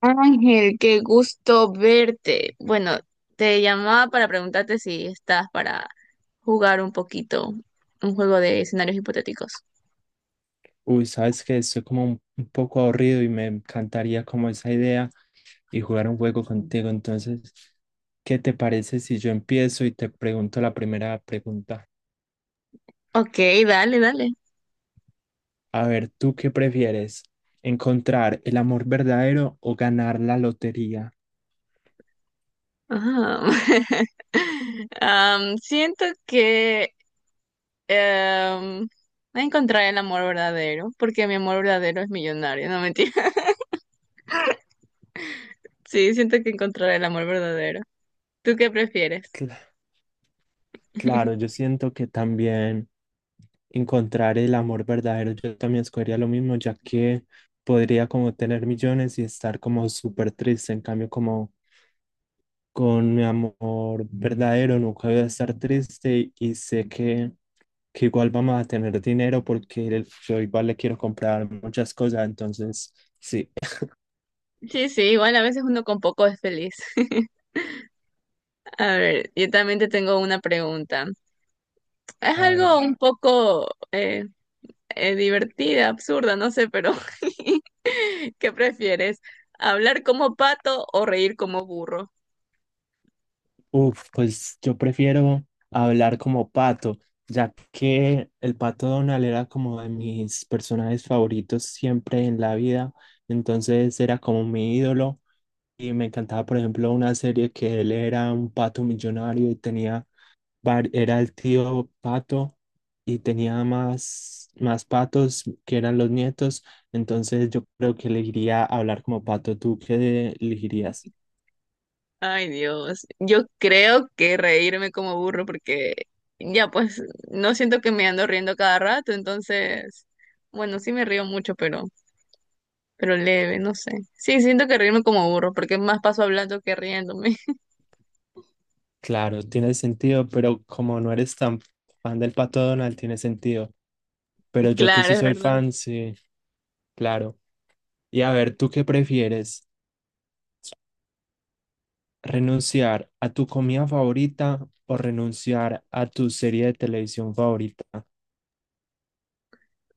Ángel, qué gusto verte. Bueno, te llamaba para preguntarte si estás para jugar un poquito un juego de escenarios hipotéticos. Uy, sabes que estoy como un poco aburrido y me encantaría como esa idea y jugar un juego contigo. Entonces, ¿qué te parece si yo empiezo y te pregunto la primera pregunta? Ok, dale, dale. A ver, ¿tú qué prefieres? ¿Encontrar el amor verdadero o ganar la lotería? Ajá. Siento que em, voy a encontrar el amor verdadero, porque mi amor verdadero es millonario, no mentira. Sí, siento que encontraré el amor verdadero. ¿Tú qué prefieres? Cla- claro, yo siento que también encontrar el amor verdadero, yo también escogería lo mismo, ya que podría como tener millones y estar como súper triste. En cambio, como con mi amor verdadero, nunca voy a estar triste y sé que igual vamos a tener dinero porque yo igual le quiero comprar muchas cosas, entonces sí, Sí, sí, igual a veces uno con poco es feliz. A ver, yo también te tengo una pregunta. Es a ver, algo un poco eh, divertida, absurda, no sé, pero ¿qué prefieres? ¿Hablar como pato o reír como burro? uf, pues yo prefiero hablar como pato, ya que el pato Donald era como de mis personajes favoritos siempre en la vida, entonces era como mi ídolo. Y me encantaba, por ejemplo, una serie que él era un pato millonario y tenía era el tío pato y tenía más patos que eran los nietos, entonces yo creo que elegiría hablar como pato. ¿Tú qué elegirías? Ay, Dios, yo creo que reírme como burro porque ya pues no siento que me ando riendo cada rato, entonces, bueno, sí me río mucho, pero leve, no sé. Sí, siento que reírme como burro porque más paso hablando que riéndome. Claro, tiene sentido, pero como no eres tan fan del pato Donald, tiene sentido. Pero yo que Claro, sí es soy verdad. fan, sí, claro. Y a ver, ¿tú qué prefieres? ¿Renunciar a tu comida favorita o renunciar a tu serie de televisión favorita?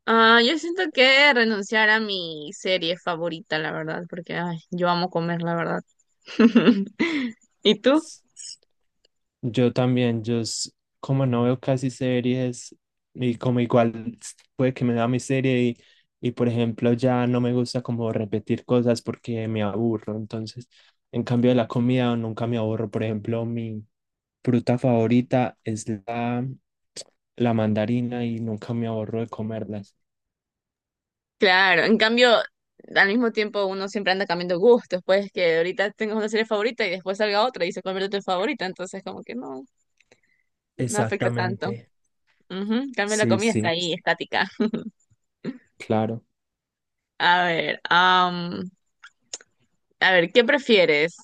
Ah, yo siento que renunciar a mi serie favorita, la verdad, porque ay, yo amo comer, la verdad. ¿Y tú? Yo también, como no veo casi series y como puede que me da mi serie y por ejemplo ya no me gusta como repetir cosas porque me aburro. Entonces, en cambio de la comida nunca me aburro. Por ejemplo, mi fruta favorita es la mandarina y nunca me aburro de comerlas. Claro, en cambio, al mismo tiempo uno siempre anda cambiando gustos, pues que ahorita tengas una serie favorita y después salga otra y se convierte en tu favorita, entonces como que no, no afecta tanto. Exactamente. Ujú, en cambio la Sí, comida está sí, ahí, estática. claro. A ver, a ver, ¿qué prefieres?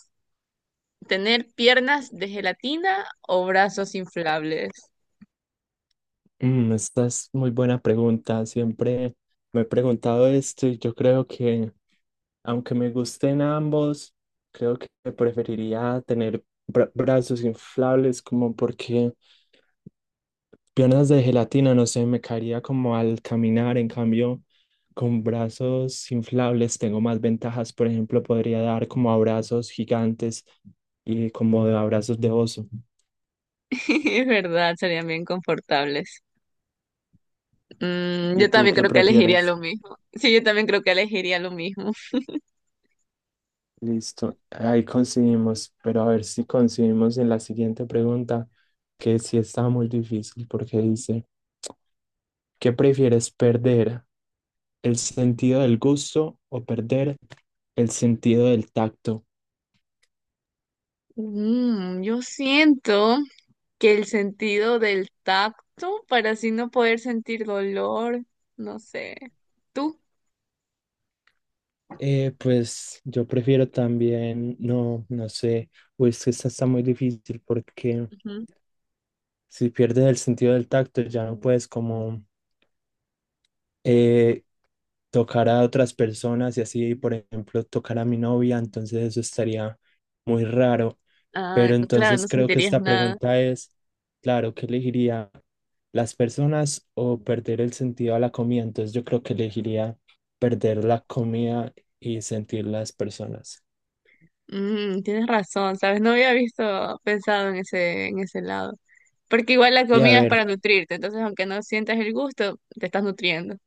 ¿Tener piernas de gelatina o brazos inflables? Mm, esta es muy buena pregunta. Siempre me he preguntado esto y yo creo que... Aunque me gusten ambos, creo que preferiría tener brazos inflables como porque piernas de gelatina, no sé, me caería como al caminar. En cambio, con brazos inflables tengo más ventajas. Por ejemplo, podría dar como abrazos gigantes y como de abrazos de oso. Es verdad, serían bien confortables. Mm, ¿Y yo tú también qué creo que elegiría prefieres? lo mismo. Sí, yo también creo que elegiría lo mismo. Listo, ahí coincidimos, pero a ver si coincidimos en la siguiente pregunta, que sí está muy difícil porque dice, ¿qué prefieres perder? ¿El sentido del gusto o perder el sentido del tacto? Mm, yo siento que el sentido del tacto, para así no poder sentir dolor, no sé. ¿Tú? Pues yo prefiero también, no, no sé, uy, es que esta está muy difícil porque Ujú. si pierdes el sentido del tacto ya no puedes como eh, tocar a otras personas y así, por ejemplo, tocar a mi novia, entonces eso estaría muy raro. Ah, Pero claro, no entonces creo que sentirías esta nada. pregunta es, claro, ¿qué elegiría? ¿Las personas o perder el sentido a la comida? Entonces yo creo que elegiría perder la comida y sentir las personas. Mm, tienes razón, ¿sabes? No había visto, pensado en ese lado. Porque igual la Y a comida es ver, para nutrirte, entonces aunque no sientas el gusto, te estás nutriendo.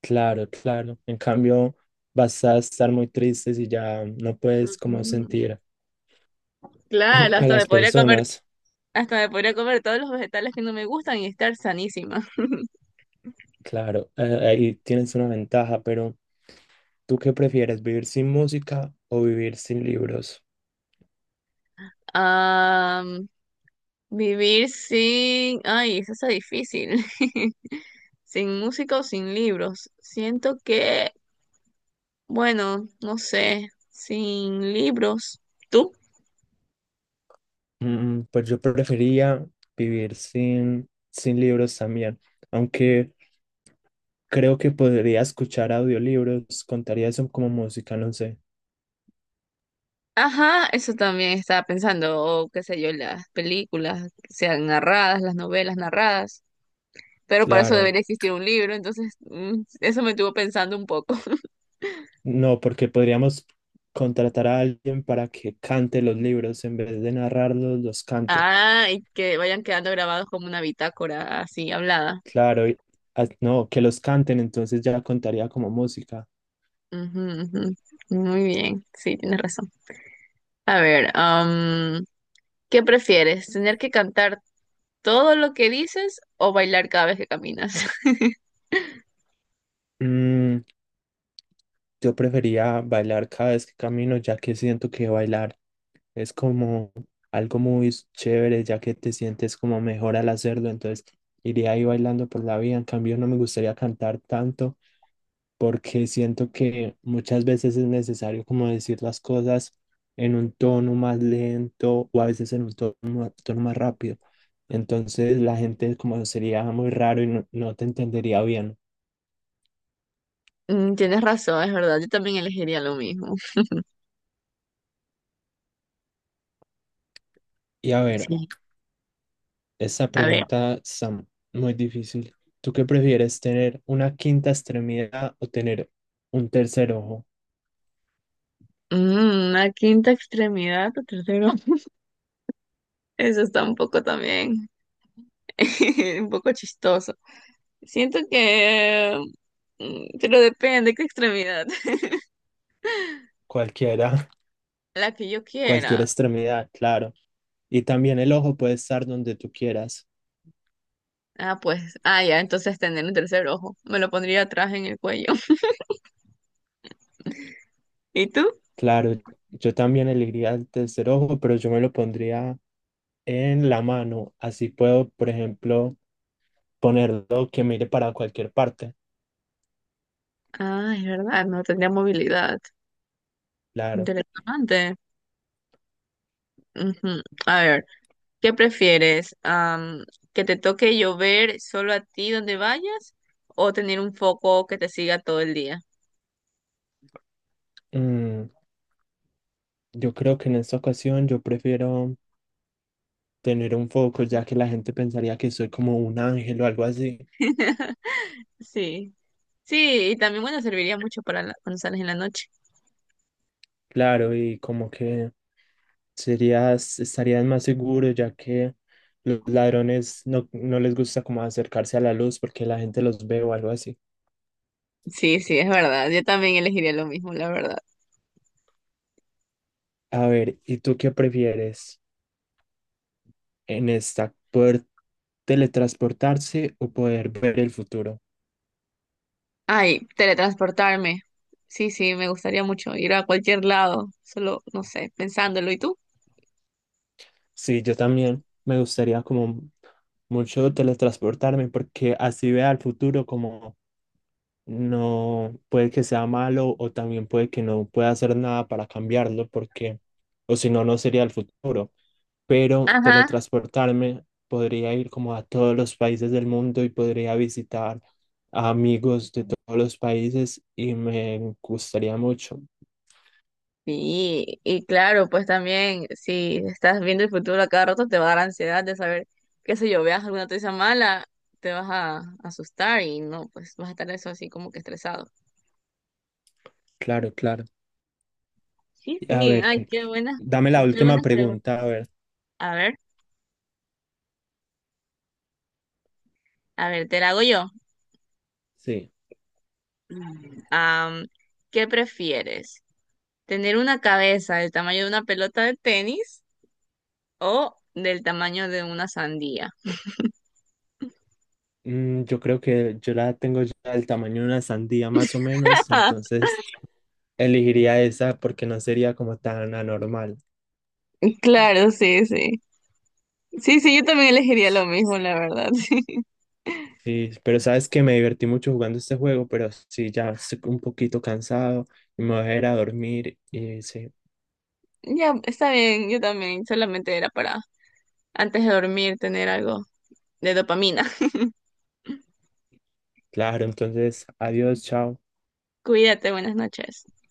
claro, claro. En cambio, vas a estar muy triste si ya no puedes como Ujú. sentir Claro, a hasta me las podría comer, personas. hasta me podría comer todos los vegetales que no me gustan y estar sanísima. Claro, ahí tienes una ventaja, pero ¿tú qué prefieres, vivir sin música o vivir sin libros? Ah, vivir sin, ay, eso está difícil. Sin música o sin libros. Siento que, bueno, no sé, sin libros. ¿Tú? Mm, pues yo preferiría vivir sin libros también, aunque creo que podría escuchar audiolibros, contaría eso como música, no sé. Ajá, eso también estaba pensando, o qué sé yo, las películas, que sean narradas, las novelas narradas, pero para eso Claro, debería existir un libro, entonces mm, eso me estuvo pensando un poco. no, porque podríamos contratar a alguien para que cante los libros en vez de narrarlos, los cante. Ah, y que vayan quedando grabados como una bitácora así hablada. Claro, ah, no, que los canten, entonces ya contaría como música. Ujú, ujú. Muy bien, sí, tienes razón. A ver, ¿qué prefieres? ¿Tener que cantar todo lo que dices o bailar cada vez que caminas? Mm, yo prefería bailar cada vez que camino, ya que siento que bailar es como algo muy chévere, ya que te sientes como mejor al hacerlo, entonces iría ahí bailando por la vida. En cambio, no me gustaría cantar tanto porque siento que muchas veces es necesario como decir las cosas en un tono más lento o a veces en un tono más rápido. Entonces la gente como sería muy raro y no, no te entendería bien. Mm, tienes razón, es verdad, yo también elegiría lo mismo. Y a ver, Sí, esta a ver. pregunta está muy difícil. ¿Tú qué prefieres, tener una quinta extremidad o tener un tercer ojo? Mm, una quinta extremidad, o tercero. Eso está un poco también, un poco chistoso. Siento que, mm, pero depende qué extremidad. Cualquiera, La que yo cualquier quiera. extremidad, claro. Y también el ojo puede estar donde tú quieras. Ah, pues, ah, ya, entonces tener un tercer ojo. Me lo pondría atrás en el cuello. ¿Y tú? Claro, yo también elegiría el tercer ojo, pero yo me lo pondría en la mano. Así puedo, por ejemplo, ponerlo que mire para cualquier parte. Ah, es verdad, no tendría movilidad. Claro. Interesante. Ujú. A ver, ¿qué prefieres? ¿Que te toque llover solo a ti donde vayas o tener un foco que te siga todo el día? Mm, yo creo que en esta ocasión yo prefiero tener un foco, ya que la gente pensaría que soy como un ángel o algo así. Sí. Sí, y también, bueno, serviría mucho para la- cuando sales en la noche. Claro, y como que serías, estarías más seguro, ya que los ladrones no, no les gusta como acercarse a la luz porque la gente los ve o algo así. Sí, sí, es verdad. Yo también elegiría lo mismo, la verdad. A ver, ¿y tú qué prefieres en esta? ¿Poder teletransportarse o poder ver el futuro? Ay, teletransportarme. Sí, sí, me gustaría mucho ir a cualquier lado, solo, no sé, pensándolo. ¿Y tú? Sí, yo también me gustaría como mucho teletransportarme porque así vea el futuro como no, puede que sea malo o también puede que no pueda hacer nada para cambiarlo porque o si no, no sería el futuro. Pero Ajá. teletransportarme podría ir como a todos los países del mundo y podría visitar a amigos de todos los países y me gustaría mucho. Sí, y claro, pues también si estás viendo el futuro a cada rato te va a dar ansiedad de saber, qué sé yo, veas alguna noticia mala, te vas a asustar y no, pues vas a estar eso así como que estresado. Claro, claro. Sí, A sí, ver, ay, dame la qué última buenas preguntas. pregunta, a ver. A ver, a ver, te la hago yo. Sí, Am, ¿Qué prefieres? ¿Tener una cabeza del tamaño de una pelota de tenis o del tamaño de una sandía? mm, yo creo que yo la tengo ya del tamaño de una sandía más o menos, Ah, entonces elegiría esa porque no sería como tan anormal. claro, sí, sí. Sí, sí, yo también elegiría lo mismo, la verdad, sí. Sí, pero sabes que me divertí mucho jugando este juego, pero sí, ya estoy un poquito cansado y me voy a ir a dormir y sí, Ya, está bien, yo también. Solamente era para antes de dormir tener algo de dopamina. claro, entonces adiós, chao. Cuídate, buenas noches.